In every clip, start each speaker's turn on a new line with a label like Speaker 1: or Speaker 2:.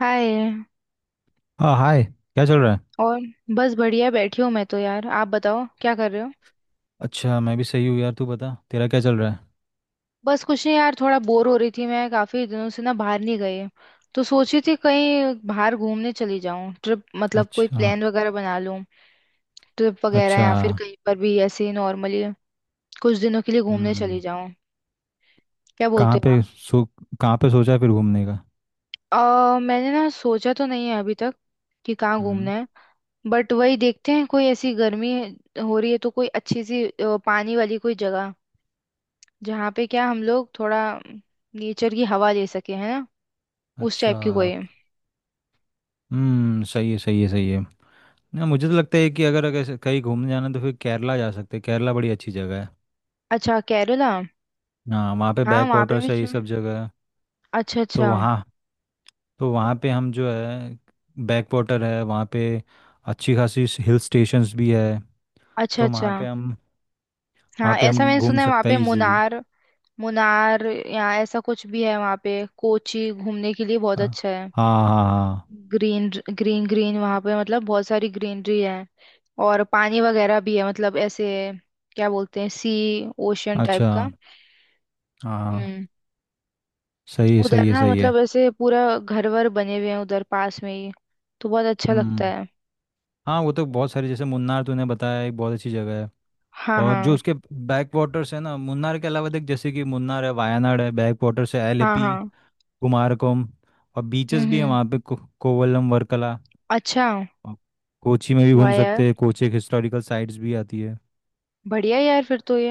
Speaker 1: हाय।
Speaker 2: हाँ, हाय। क्या चल रहा है?
Speaker 1: और बस बढ़िया बैठी हूँ मैं तो यार। आप बताओ क्या कर रहे हो।
Speaker 2: अच्छा, मैं भी सही हूँ यार। तू बता, तेरा क्या चल रहा है?
Speaker 1: बस कुछ नहीं यार, थोड़ा बोर हो रही थी मैं। काफी दिनों से ना बाहर नहीं गई, तो सोची थी कहीं बाहर घूमने चली जाऊं। ट्रिप मतलब कोई
Speaker 2: अच्छा।
Speaker 1: प्लान वगैरह बना लूं, ट्रिप वगैरह,
Speaker 2: अच्छा।
Speaker 1: या फिर कहीं पर भी ऐसे ही नॉर्मली कुछ दिनों के लिए घूमने चली
Speaker 2: हम्म।
Speaker 1: जाऊं। क्या बोलते
Speaker 2: कहाँ
Speaker 1: हो
Speaker 2: पे
Speaker 1: आप?
Speaker 2: सो कहाँ पे सोचा है फिर घूमने का?
Speaker 1: मैंने ना सोचा तो नहीं है अभी तक कि कहाँ घूमना
Speaker 2: हम्म।
Speaker 1: है। बट वही देखते हैं, कोई ऐसी गर्मी हो रही है तो कोई अच्छी सी पानी वाली कोई जगह, जहाँ पे क्या हम लोग थोड़ा नेचर की हवा ले सके, है ना? उस
Speaker 2: अच्छा।
Speaker 1: टाइप की कोई।
Speaker 2: हम्म। सही है, सही है, सही है। ना, मुझे तो लगता है कि अगर अगर कहीं घूमने जाना है तो फिर केरला जा सकते हैं। केरला बड़ी अच्छी जगह है।
Speaker 1: अच्छा, केरला।
Speaker 2: हाँ, वहाँ पे
Speaker 1: हाँ,
Speaker 2: बैक
Speaker 1: वहाँ पे
Speaker 2: वाटर्स
Speaker 1: भी
Speaker 2: है, ये सब जगह है।
Speaker 1: अच्छा
Speaker 2: तो
Speaker 1: अच्छा।
Speaker 2: वहाँ तो वहाँ पे हम जो है बैक वाटर है वहाँ पे। अच्छी खासी हिल स्टेशंस भी है।
Speaker 1: अच्छा
Speaker 2: तो वहाँ
Speaker 1: अच्छा।
Speaker 2: पे हम वहाँ
Speaker 1: हाँ,
Speaker 2: पे
Speaker 1: ऐसा
Speaker 2: हम
Speaker 1: मैंने
Speaker 2: घूम
Speaker 1: सुना है, वहाँ
Speaker 2: सकते
Speaker 1: पे
Speaker 2: हैं इजीली।
Speaker 1: मुनार, मुनार या ऐसा कुछ भी है वहाँ पे। कोची घूमने के लिए बहुत
Speaker 2: हाँ,
Speaker 1: अच्छा है।
Speaker 2: हाँ, हाँ, हाँ,
Speaker 1: ग्रीन ग्रीन ग्रीन, वहाँ पे मतलब बहुत सारी ग्रीनरी है। और पानी वगैरह भी है, मतलब ऐसे क्या बोलते हैं, सी ओशन टाइप
Speaker 2: अच्छा।
Speaker 1: का।
Speaker 2: हाँ हाँ।
Speaker 1: हम्म।
Speaker 2: सही है,
Speaker 1: उधर
Speaker 2: सही है,
Speaker 1: ना
Speaker 2: सही है।
Speaker 1: मतलब ऐसे पूरा घर वर बने हुए हैं उधर पास में ही, तो बहुत अच्छा लगता
Speaker 2: हम्म।
Speaker 1: है।
Speaker 2: हाँ, वो तो बहुत सारी जैसे मुन्नार तूने बताया एक बहुत अच्छी जगह है।
Speaker 1: हाँ
Speaker 2: और जो
Speaker 1: हाँ।
Speaker 2: उसके बैक वाटर्स है ना, मुन्नार के अलावा देख, जैसे कि मुन्नार है, वायनाड है, बैक वाटर्स है
Speaker 1: हाँ
Speaker 2: एलेपी,
Speaker 1: हाँ।
Speaker 2: कुमारकोम। और बीचेस भी है
Speaker 1: हम्म।
Speaker 2: वहाँ पे कोवलम, वर्कला।
Speaker 1: अच्छा।
Speaker 2: और कोची में भी
Speaker 1: वाह
Speaker 2: घूम
Speaker 1: यार,
Speaker 2: सकते हैं, कोची एक हिस्टोरिकल साइट्स भी आती है।
Speaker 1: बढ़िया यार, फिर तो ये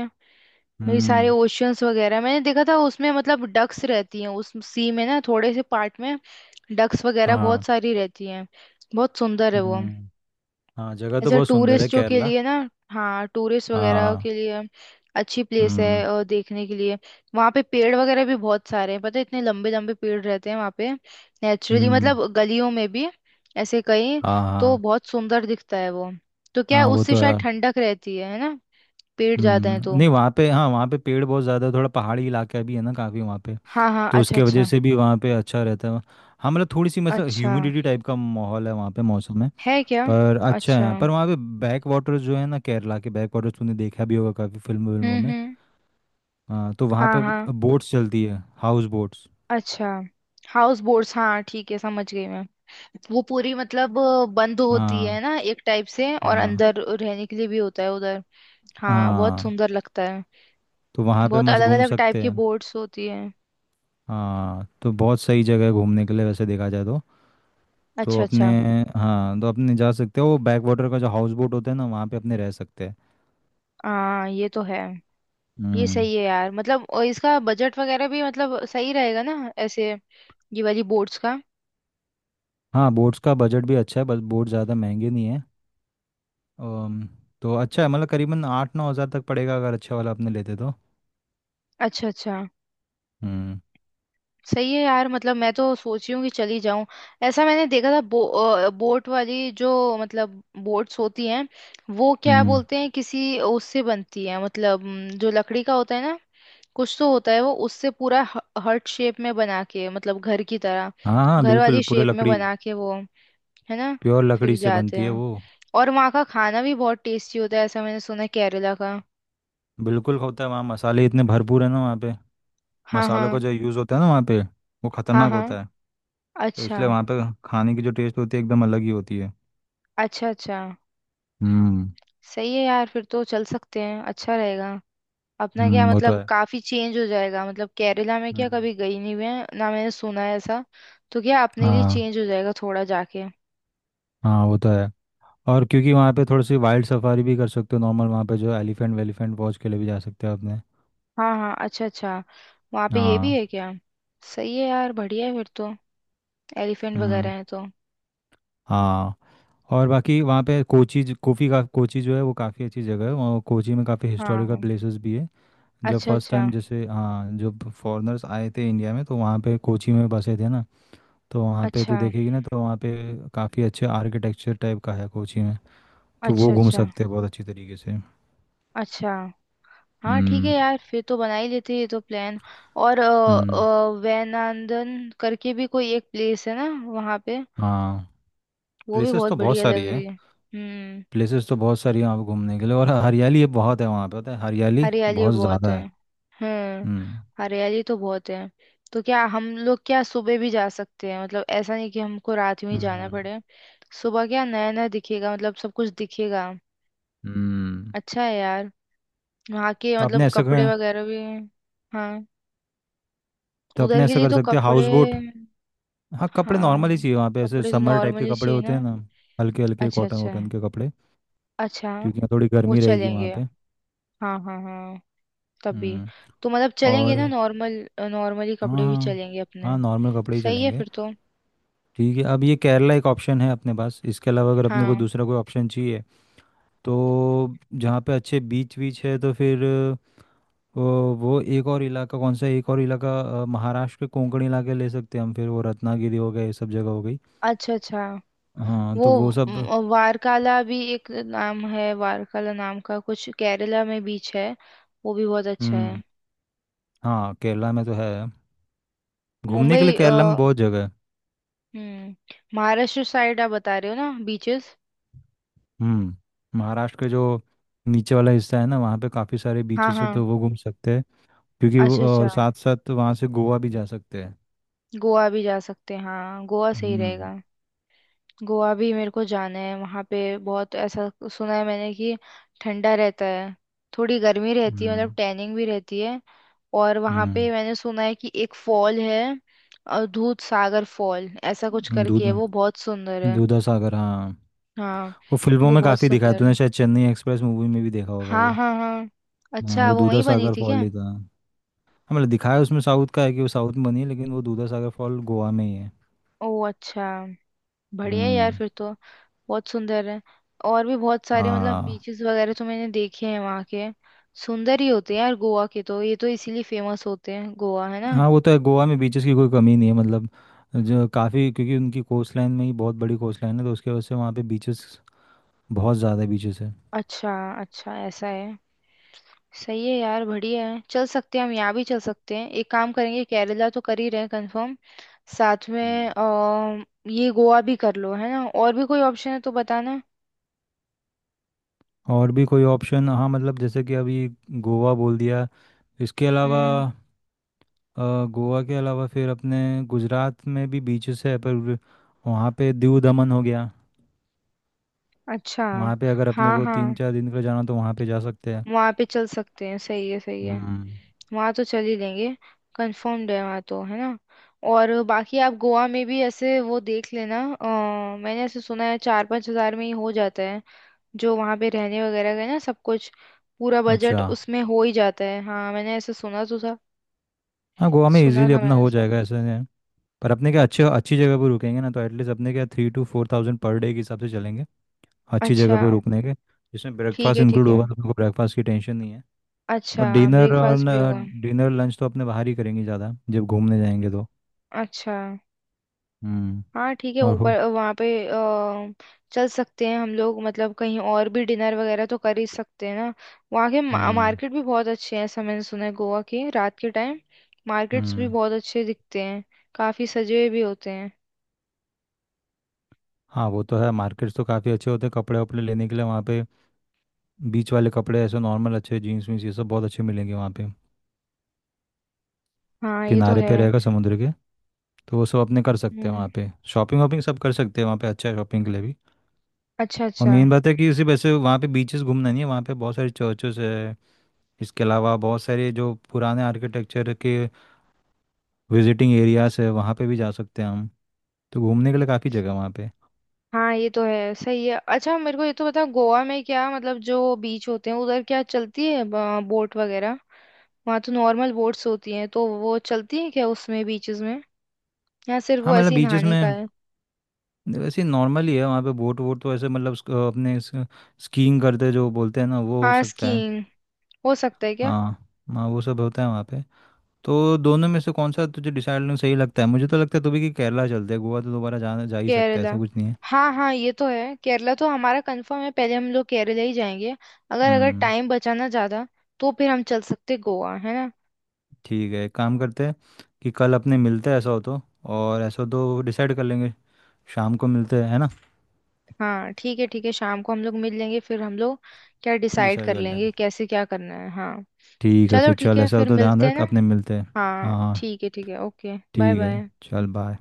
Speaker 1: ये सारे
Speaker 2: हम्म।
Speaker 1: ओशियंस वगैरह मैंने देखा था। उसमें मतलब डक्स रहती हैं उस सी में ना, थोड़े से पार्ट में डक्स वगैरह बहुत
Speaker 2: हाँ।
Speaker 1: सारी रहती हैं। बहुत सुंदर है वो।
Speaker 2: हम्म। हाँ, जगह तो
Speaker 1: ऐसे
Speaker 2: बहुत सुंदर है
Speaker 1: टूरिस्टों के
Speaker 2: केरला।
Speaker 1: लिए ना। हाँ, टूरिस्ट वगैरह
Speaker 2: हाँ।
Speaker 1: के लिए अच्छी प्लेस है,
Speaker 2: हम्म।
Speaker 1: और देखने के लिए। वहाँ पे पेड़ वगैरह भी बहुत सारे हैं, पता है? इतने लंबे लंबे पेड़ रहते हैं वहाँ पे नेचुरली,
Speaker 2: हम्म।
Speaker 1: मतलब गलियों में भी ऐसे कहीं।
Speaker 2: हाँ।
Speaker 1: तो
Speaker 2: हाँ।
Speaker 1: बहुत सुंदर दिखता है वो। तो क्या है,
Speaker 2: हाँ, वो
Speaker 1: उससे
Speaker 2: तो है।
Speaker 1: शायद ठंडक रहती है ना? पेड़ ज्यादा है
Speaker 2: हम्म।
Speaker 1: तो।
Speaker 2: नहीं, वहाँ पे, हाँ वहाँ पे पेड़ बहुत ज़्यादा, थोड़ा पहाड़ी इलाका भी है ना काफ़ी वहाँ पे।
Speaker 1: हाँ हाँ,
Speaker 2: तो
Speaker 1: अच्छा
Speaker 2: उसके वजह
Speaker 1: अच्छा।
Speaker 2: से भी वहाँ पे अच्छा रहता है। हाँ, मतलब थोड़ी सी मतलब
Speaker 1: अच्छा।
Speaker 2: ह्यूमिडिटी टाइप का माहौल है वहाँ पे मौसम में।
Speaker 1: है क्या?
Speaker 2: पर अच्छा
Speaker 1: अच्छा।
Speaker 2: है, पर वहाँ पे बैक वाटर्स जो है ना, केरला के बैक वाटर्स तुमने देखा भी होगा काफ़ी फिल्म विल्मों में।
Speaker 1: हम्म।
Speaker 2: हाँ, तो वहाँ
Speaker 1: हाँ
Speaker 2: पे
Speaker 1: हाँ।
Speaker 2: बोट्स चलती है, हाउस बोट्स।
Speaker 1: अच्छा। हाउस बोट्स, हाँ ठीक है, समझ गई मैं। वो पूरी मतलब बंद होती
Speaker 2: हाँ,
Speaker 1: है ना एक टाइप से, और
Speaker 2: हाँ।
Speaker 1: अंदर रहने के लिए भी होता है उधर। हाँ, बहुत
Speaker 2: हाँ,
Speaker 1: सुंदर लगता है।
Speaker 2: तो वहाँ पे
Speaker 1: बहुत
Speaker 2: मस्त
Speaker 1: अलग
Speaker 2: घूम
Speaker 1: अलग टाइप
Speaker 2: सकते
Speaker 1: की
Speaker 2: हैं।
Speaker 1: बोर्ड्स होती है।
Speaker 2: हाँ, तो बहुत सही जगह है घूमने के लिए वैसे देखा जाए तो। तो
Speaker 1: अच्छा
Speaker 2: अपने,
Speaker 1: अच्छा।
Speaker 2: हाँ तो अपने जा सकते हो, वो बैक वाटर का जो हाउस बोट होता है ना वहाँ पे अपने रह सकते हैं।
Speaker 1: हाँ ये तो है। ये
Speaker 2: हम्म।
Speaker 1: सही है यार, मतलब और इसका बजट वगैरह भी मतलब सही रहेगा ना ऐसे, ये वाली बोर्ड्स का?
Speaker 2: हाँ, बोट्स का बजट भी अच्छा है, बस बोट ज़्यादा महंगे नहीं है। अम, तो अच्छा है, मतलब करीबन 8-9 हज़ार तक पड़ेगा अगर अच्छा वाला अपने लेते तो।
Speaker 1: अच्छा अच्छा।
Speaker 2: हम्म।
Speaker 1: सही है यार, मतलब मैं तो सोच रही हूँ कि चली जाऊं। ऐसा मैंने देखा था, बोट वाली जो, मतलब बोट्स होती हैं, वो क्या
Speaker 2: हम्म।
Speaker 1: बोलते हैं, किसी उससे बनती है मतलब, जो लकड़ी का होता है ना, कुछ तो होता है वो, उससे पूरा हर्ट शेप में बना के, मतलब घर की तरह,
Speaker 2: हाँ, हाँ,
Speaker 1: घर
Speaker 2: बिल्कुल
Speaker 1: वाली
Speaker 2: पूरे
Speaker 1: शेप में
Speaker 2: लकड़ी,
Speaker 1: बना के वो, है ना?
Speaker 2: प्योर लकड़ी
Speaker 1: फिर
Speaker 2: से
Speaker 1: जाते
Speaker 2: बनती है
Speaker 1: हैं।
Speaker 2: वो।
Speaker 1: और वहाँ का खाना भी बहुत टेस्टी होता है, ऐसा मैंने सुना है केरला का।
Speaker 2: बिल्कुल होता है, वहाँ मसाले इतने भरपूर है ना वहाँ पे,
Speaker 1: हाँ
Speaker 2: मसालों का
Speaker 1: हाँ।
Speaker 2: जो यूज़ होता है ना वहाँ पे वो
Speaker 1: हाँ
Speaker 2: खतरनाक
Speaker 1: हाँ।
Speaker 2: होता है। तो
Speaker 1: अच्छा
Speaker 2: इसलिए वहाँ पे खाने की जो टेस्ट होती है एकदम अलग ही होती है।
Speaker 1: अच्छा। अच्छा।
Speaker 2: हम्म।
Speaker 1: सही है यार, फिर तो चल सकते हैं, अच्छा रहेगा। अपना क्या
Speaker 2: हम्म, वो तो
Speaker 1: मतलब
Speaker 2: है।
Speaker 1: काफी चेंज हो जाएगा, मतलब केरला में क्या
Speaker 2: हम्म।
Speaker 1: कभी गई नहीं हुई है ना, मैंने सुना है ऐसा। तो क्या अपने लिए
Speaker 2: हाँ।
Speaker 1: चेंज हो जाएगा थोड़ा जाके।
Speaker 2: हाँ, वो तो है। और क्योंकि वहाँ पे थोड़ी सी वाइल्ड सफारी भी कर सकते हो, नॉर्मल वहाँ पे जो एलिफेंट वेलिफेंट वॉच के लिए भी जा सकते हो अपने।
Speaker 1: हाँ हाँ, अच्छा अच्छा। वहाँ पे ये भी
Speaker 2: हाँ।
Speaker 1: है क्या? सही है यार, बढ़िया है फिर तो, एलिफेंट वगैरह
Speaker 2: हम्म।
Speaker 1: हैं तो।
Speaker 2: हाँ। और बाकी वहाँ पे कोची ज- कोफी का कोची जो है वो काफ़ी अच्छी जगह है, और कोची में काफ़ी हिस्टोरिकल
Speaker 1: हाँ।
Speaker 2: प्लेसेस भी है। जब
Speaker 1: अच्छा
Speaker 2: फर्स्ट
Speaker 1: अच्छा।
Speaker 2: टाइम, जैसे हाँ, जब फॉरेनर्स आए थे इंडिया में तो वहाँ पे कोची में बसे थे ना, तो वहाँ पे तू
Speaker 1: अच्छा
Speaker 2: देखेगी ना, तो वहाँ पे काफ़ी अच्छे आर्किटेक्चर टाइप का है कोची में। तो वो
Speaker 1: अच्छा।
Speaker 2: घूम
Speaker 1: अच्छा
Speaker 2: सकते हैं बहुत अच्छी तरीके से।
Speaker 1: अच्छा। हाँ ठीक है
Speaker 2: हम्म।
Speaker 1: यार, फिर तो बना ही लेते हैं ये तो प्लान। और
Speaker 2: हम्म।
Speaker 1: वैनांदन करके भी कोई एक प्लेस है ना वहाँ पे,
Speaker 2: हाँ।
Speaker 1: वो भी
Speaker 2: प्लेसेस
Speaker 1: बहुत
Speaker 2: तो बहुत
Speaker 1: बढ़िया
Speaker 2: सारी
Speaker 1: लग
Speaker 2: है
Speaker 1: रही है। हम्म।
Speaker 2: प्लेसेस तो बहुत सारी हैं वहाँ पे घूमने के लिए, और हरियाली बहुत है वहाँ पे, पता है हरियाली
Speaker 1: हरियाली
Speaker 2: बहुत
Speaker 1: बहुत
Speaker 2: ज़्यादा
Speaker 1: है।
Speaker 2: है।
Speaker 1: हम्म।
Speaker 2: हम्म।
Speaker 1: हरियाली तो बहुत है। तो क्या हम लोग क्या सुबह भी जा सकते हैं, मतलब ऐसा नहीं कि हमको रात में ही जाना
Speaker 2: हम्म।
Speaker 1: पड़े? सुबह क्या नया नया दिखेगा, मतलब सब कुछ दिखेगा।
Speaker 2: हम्म।
Speaker 1: अच्छा है यार। वहाँ के
Speaker 2: आपने
Speaker 1: मतलब
Speaker 2: ऐसा
Speaker 1: कपड़े
Speaker 2: कर
Speaker 1: वगैरह भी? हाँ,
Speaker 2: तो अपने
Speaker 1: उधर के
Speaker 2: ऐसा
Speaker 1: लिए
Speaker 2: कर
Speaker 1: तो
Speaker 2: सकते हैं
Speaker 1: कपड़े,
Speaker 2: हाउस बोट। हाँ, कपड़े नॉर्मल
Speaker 1: हाँ
Speaker 2: ही चाहिए वहाँ पे, ऐसे
Speaker 1: कपड़े तो
Speaker 2: समर टाइप के
Speaker 1: नॉर्मली
Speaker 2: कपड़े
Speaker 1: चाहिए
Speaker 2: होते
Speaker 1: ना?
Speaker 2: हैं ना, हल्के हल्के
Speaker 1: अच्छा
Speaker 2: कॉटन
Speaker 1: अच्छा।
Speaker 2: वॉटन के कपड़े।
Speaker 1: अच्छा।
Speaker 2: क्योंकि यहाँ थोड़ी
Speaker 1: वो
Speaker 2: गर्मी रहेगी वहाँ
Speaker 1: चलेंगे।
Speaker 2: पे।
Speaker 1: हाँ हाँ हाँ, तभी।
Speaker 2: हम्म।
Speaker 1: तो मतलब चलेंगे
Speaker 2: और
Speaker 1: ना नॉर्मल, नॉर्मली
Speaker 2: हाँ,
Speaker 1: कपड़े भी
Speaker 2: हाँ,
Speaker 1: चलेंगे अपने।
Speaker 2: हाँ नॉर्मल कपड़े ही
Speaker 1: सही है
Speaker 2: चलेंगे।
Speaker 1: फिर तो।
Speaker 2: ठीक है, अब ये केरला एक ऑप्शन है अपने पास, इसके अलावा अगर अपने को
Speaker 1: हाँ।
Speaker 2: दूसरा कोई ऑप्शन चाहिए, तो जहाँ पे अच्छे बीच बीच है तो फिर, वो एक और इलाका कौन सा है? एक और इलाका महाराष्ट्र के कोंकण इलाके ले सकते हैं हम फिर, वो रत्नागिरी हो गए, ये सब जगह हो गई।
Speaker 1: अच्छा अच्छा।
Speaker 2: हाँ,
Speaker 1: वो
Speaker 2: तो वो सब।
Speaker 1: वारकाला भी एक नाम है, वारकाला नाम का कुछ केरला में बीच है, वो भी बहुत अच्छा है।
Speaker 2: हम्म। हाँ, केरला में तो है, घूमने के
Speaker 1: मुंबई,
Speaker 2: लिए केरला में बहुत जगह है।
Speaker 1: हम्म, महाराष्ट्र साइड आप बता रहे हो ना बीचेस?
Speaker 2: हम्म। महाराष्ट्र के जो नीचे वाला हिस्सा है ना, वहाँ पे काफ़ी सारे
Speaker 1: हाँ
Speaker 2: बीचेस है,
Speaker 1: हाँ।
Speaker 2: तो वो घूम सकते हैं। क्योंकि वो,
Speaker 1: अच्छा अच्छा,
Speaker 2: और साथ साथ वहाँ से गोवा भी जा सकते हैं।
Speaker 1: गोवा भी जा सकते हैं, हाँ गोवा सही
Speaker 2: हम्म।
Speaker 1: रहेगा। गोवा भी मेरे को जाना है वहां पे। बहुत ऐसा सुना है मैंने कि ठंडा रहता है, थोड़ी गर्मी रहती है, मतलब
Speaker 2: हम्म।
Speaker 1: टैनिंग भी रहती है। और वहां
Speaker 2: हम्म।
Speaker 1: पे मैंने सुना है कि एक फॉल है, दूध सागर फॉल ऐसा कुछ
Speaker 2: दूध
Speaker 1: करके है, वो बहुत सुंदर है।
Speaker 2: दूधा सागर, हाँ।
Speaker 1: हाँ,
Speaker 2: वो फिल्मों
Speaker 1: वो
Speaker 2: में
Speaker 1: बहुत
Speaker 2: काफ़ी दिखा है,
Speaker 1: सुंदर
Speaker 2: तूने
Speaker 1: है।
Speaker 2: शायद चेन्नई एक्सप्रेस मूवी में भी देखा होगा वो।
Speaker 1: हाँ हाँ हाँ,
Speaker 2: हाँ,
Speaker 1: अच्छा,
Speaker 2: वो
Speaker 1: वो
Speaker 2: दूधा
Speaker 1: वहीं बनी
Speaker 2: सागर
Speaker 1: थी
Speaker 2: फॉल
Speaker 1: क्या?
Speaker 2: ही था, हाँ, मतलब दिखाया उसमें साउथ का है कि वो साउथ में बनी है, लेकिन वो दूधा सागर फॉल गोवा में ही है।
Speaker 1: ओ अच्छा, बढ़िया है यार,
Speaker 2: हम्म।
Speaker 1: फिर तो बहुत सुंदर है। और भी बहुत सारे मतलब
Speaker 2: हाँ।
Speaker 1: बीचेस वगैरह तो मैंने देखे हैं वहाँ के, सुंदर ही होते हैं यार गोवा के तो, ये तो इसीलिए फेमस होते हैं गोवा, है ना?
Speaker 2: हाँ, वो तो है, गोवा में बीचेस की कोई कमी नहीं है मतलब, जो काफ़ी क्योंकि उनकी कोस्ट लाइन में ही बहुत बड़ी कोस्ट लाइन है, तो उसके वजह से वहाँ पे बीचेस, बहुत ज़्यादा बीचेस है।
Speaker 1: अच्छा। अच्छा ऐसा है। सही है यार, बढ़िया है, चल सकते हैं हम यहाँ भी, चल सकते हैं। एक काम करेंगे, केरला तो कर ही रहे हैं कंफर्म, साथ में
Speaker 2: हम्म।
Speaker 1: ये गोवा भी कर लो, है ना? और भी कोई ऑप्शन है तो बताना।
Speaker 2: और भी कोई ऑप्शन, हाँ मतलब जैसे कि अभी गोवा बोल दिया, इसके अलावा
Speaker 1: हम्म।
Speaker 2: गोवा के अलावा फिर अपने, गुजरात में भी बीचेस है पर, वहाँ पे दीव दमन हो गया,
Speaker 1: अच्छा।
Speaker 2: वहाँ पे अगर अपने
Speaker 1: हाँ
Speaker 2: को तीन
Speaker 1: हाँ,
Speaker 2: चार दिन के लिए जाना तो वहाँ पे जा सकते हैं।
Speaker 1: वहाँ पे चल सकते हैं, सही है सही है।
Speaker 2: हम्म।
Speaker 1: वहाँ तो चल ही लेंगे, कंफर्म्ड है वहाँ तो, है ना? और बाकी आप गोवा में भी ऐसे वो देख लेना, मैंने ऐसे सुना है चार पाँच हजार में ही हो जाता है, जो वहाँ पे रहने वगैरह का ना सब कुछ, पूरा बजट
Speaker 2: अच्छा।
Speaker 1: उसमें हो ही जाता है, हाँ मैंने ऐसे सुना तो था।
Speaker 2: हाँ, गोवा में
Speaker 1: सुना
Speaker 2: इजीली
Speaker 1: था
Speaker 2: अपना
Speaker 1: मैंने
Speaker 2: हो
Speaker 1: ऐसा।
Speaker 2: जाएगा ऐसे है। पर अपने क्या अच्छे अच्छी जगह पर रुकेंगे ना, तो एटलीस्ट अपने क्या 3-4 थाउजेंड पर डे के हिसाब से चलेंगे। अच्छी
Speaker 1: अच्छा।
Speaker 2: जगह पर रुकने के जिसमें
Speaker 1: ठीक
Speaker 2: ब्रेकफास्ट
Speaker 1: है ठीक
Speaker 2: इंक्लूड
Speaker 1: है।
Speaker 2: होगा तो अपने को ब्रेकफास्ट की टेंशन नहीं है।
Speaker 1: अच्छा,
Speaker 2: और डिनर, और
Speaker 1: ब्रेकफास्ट भी होगा।
Speaker 2: डिनर लंच तो अपने बाहर ही करेंगे ज़्यादा, जब घूमने जाएंगे तो।
Speaker 1: अच्छा।
Speaker 2: हम्म।
Speaker 1: हाँ ठीक है,
Speaker 2: और हो
Speaker 1: ऊपर वहाँ पे चल सकते हैं हम लोग, मतलब कहीं और भी डिनर वगैरह तो कर ही सकते हैं ना। वहाँ के
Speaker 2: हम्म।
Speaker 1: मार्केट भी बहुत अच्छे हैं ऐसा मैंने सुना है, गोवा के रात के टाइम मार्केट्स भी
Speaker 2: हम्म।
Speaker 1: बहुत अच्छे दिखते हैं, काफी सजे हुए भी होते हैं।
Speaker 2: हाँ, वो तो है, मार्केट्स तो काफ़ी अच्छे होते हैं कपड़े वपड़े लेने के लिए वहाँ पे, बीच वाले कपड़े ऐसे नॉर्मल अच्छे जीन्स वीन्स ये सब बहुत अच्छे मिलेंगे वहाँ पे।
Speaker 1: हाँ ये तो
Speaker 2: किनारे
Speaker 1: है।
Speaker 2: पे रहेगा समुद्र के, तो वो सब अपने कर सकते हैं
Speaker 1: हम्म।
Speaker 2: वहाँ पे शॉपिंग वॉपिंग सब कर सकते हैं वहाँ पे, अच्छा है शॉपिंग के लिए भी।
Speaker 1: अच्छा
Speaker 2: और
Speaker 1: अच्छा।
Speaker 2: मेन बात है कि सिर्फ ऐसे वहाँ पे बीचेस घूमना नहीं है, वहाँ पे बहुत सारे चर्चेस है, इसके अलावा बहुत सारे जो पुराने आर्किटेक्चर के विजिटिंग एरियाज है वहाँ पे भी जा सकते हैं हम। तो घूमने के लिए काफ़ी जगह है वहाँ पे।
Speaker 1: हाँ ये तो है, सही है। अच्छा, मेरे को ये तो बता, गोवा में क्या मतलब, जो बीच होते हैं उधर क्या चलती है बोट वगैरह? वहाँ तो नॉर्मल बोट्स होती हैं, तो वो चलती है क्या उसमें बीचेस में, या सिर्फ
Speaker 2: हाँ,
Speaker 1: वो
Speaker 2: मतलब
Speaker 1: ऐसे ही
Speaker 2: बीचेस
Speaker 1: नहाने का
Speaker 2: में
Speaker 1: है?
Speaker 2: वैसे नॉर्मल ही है वहाँ पे, बोट वोट तो ऐसे मतलब अपने स्कीइंग करते जो बोलते हैं ना वो हो
Speaker 1: हाँ
Speaker 2: सकता है।
Speaker 1: स्कीइंग, हो सकता है क्या?
Speaker 2: हाँ। हाँ, वो सब होता है वहाँ पे। तो दोनों में से कौन सा तुझे डिसाइड करना सही लगता है? मुझे तो लगता है तू भी कि केरला चलते हैं, गोवा तो दोबारा जाना जा ही सकता है,
Speaker 1: केरला,
Speaker 2: ऐसा कुछ नहीं है।
Speaker 1: हाँ हाँ ये तो है, केरला तो हमारा कंफर्म है, पहले हम लोग केरला ही जाएंगे। अगर अगर
Speaker 2: हम्म।
Speaker 1: टाइम बचाना ज़्यादा तो फिर हम चल सकते गोवा, है ना?
Speaker 2: ठीक है, एक काम करते हैं कि कल अपने मिलते हैं ऐसा हो तो, और ऐसा हो तो डिसाइड कर लेंगे, शाम को मिलते हैं, है ना?
Speaker 1: हाँ ठीक है ठीक है, शाम को हम लोग मिल लेंगे फिर हम लोग, क्या डिसाइड
Speaker 2: डिसाइड
Speaker 1: कर
Speaker 2: कर
Speaker 1: लेंगे
Speaker 2: लेंगे।
Speaker 1: कैसे क्या करना है, हाँ।
Speaker 2: ठीक है
Speaker 1: चलो
Speaker 2: फिर,
Speaker 1: ठीक
Speaker 2: चल
Speaker 1: है,
Speaker 2: ऐसा हो
Speaker 1: फिर
Speaker 2: तो ध्यान
Speaker 1: मिलते हैं
Speaker 2: रख,
Speaker 1: ना।
Speaker 2: अपने मिलते हैं।
Speaker 1: हाँ
Speaker 2: हाँ,
Speaker 1: ठीक है ठीक है, ओके, बाय
Speaker 2: ठीक है।
Speaker 1: बाय।
Speaker 2: चल बाय।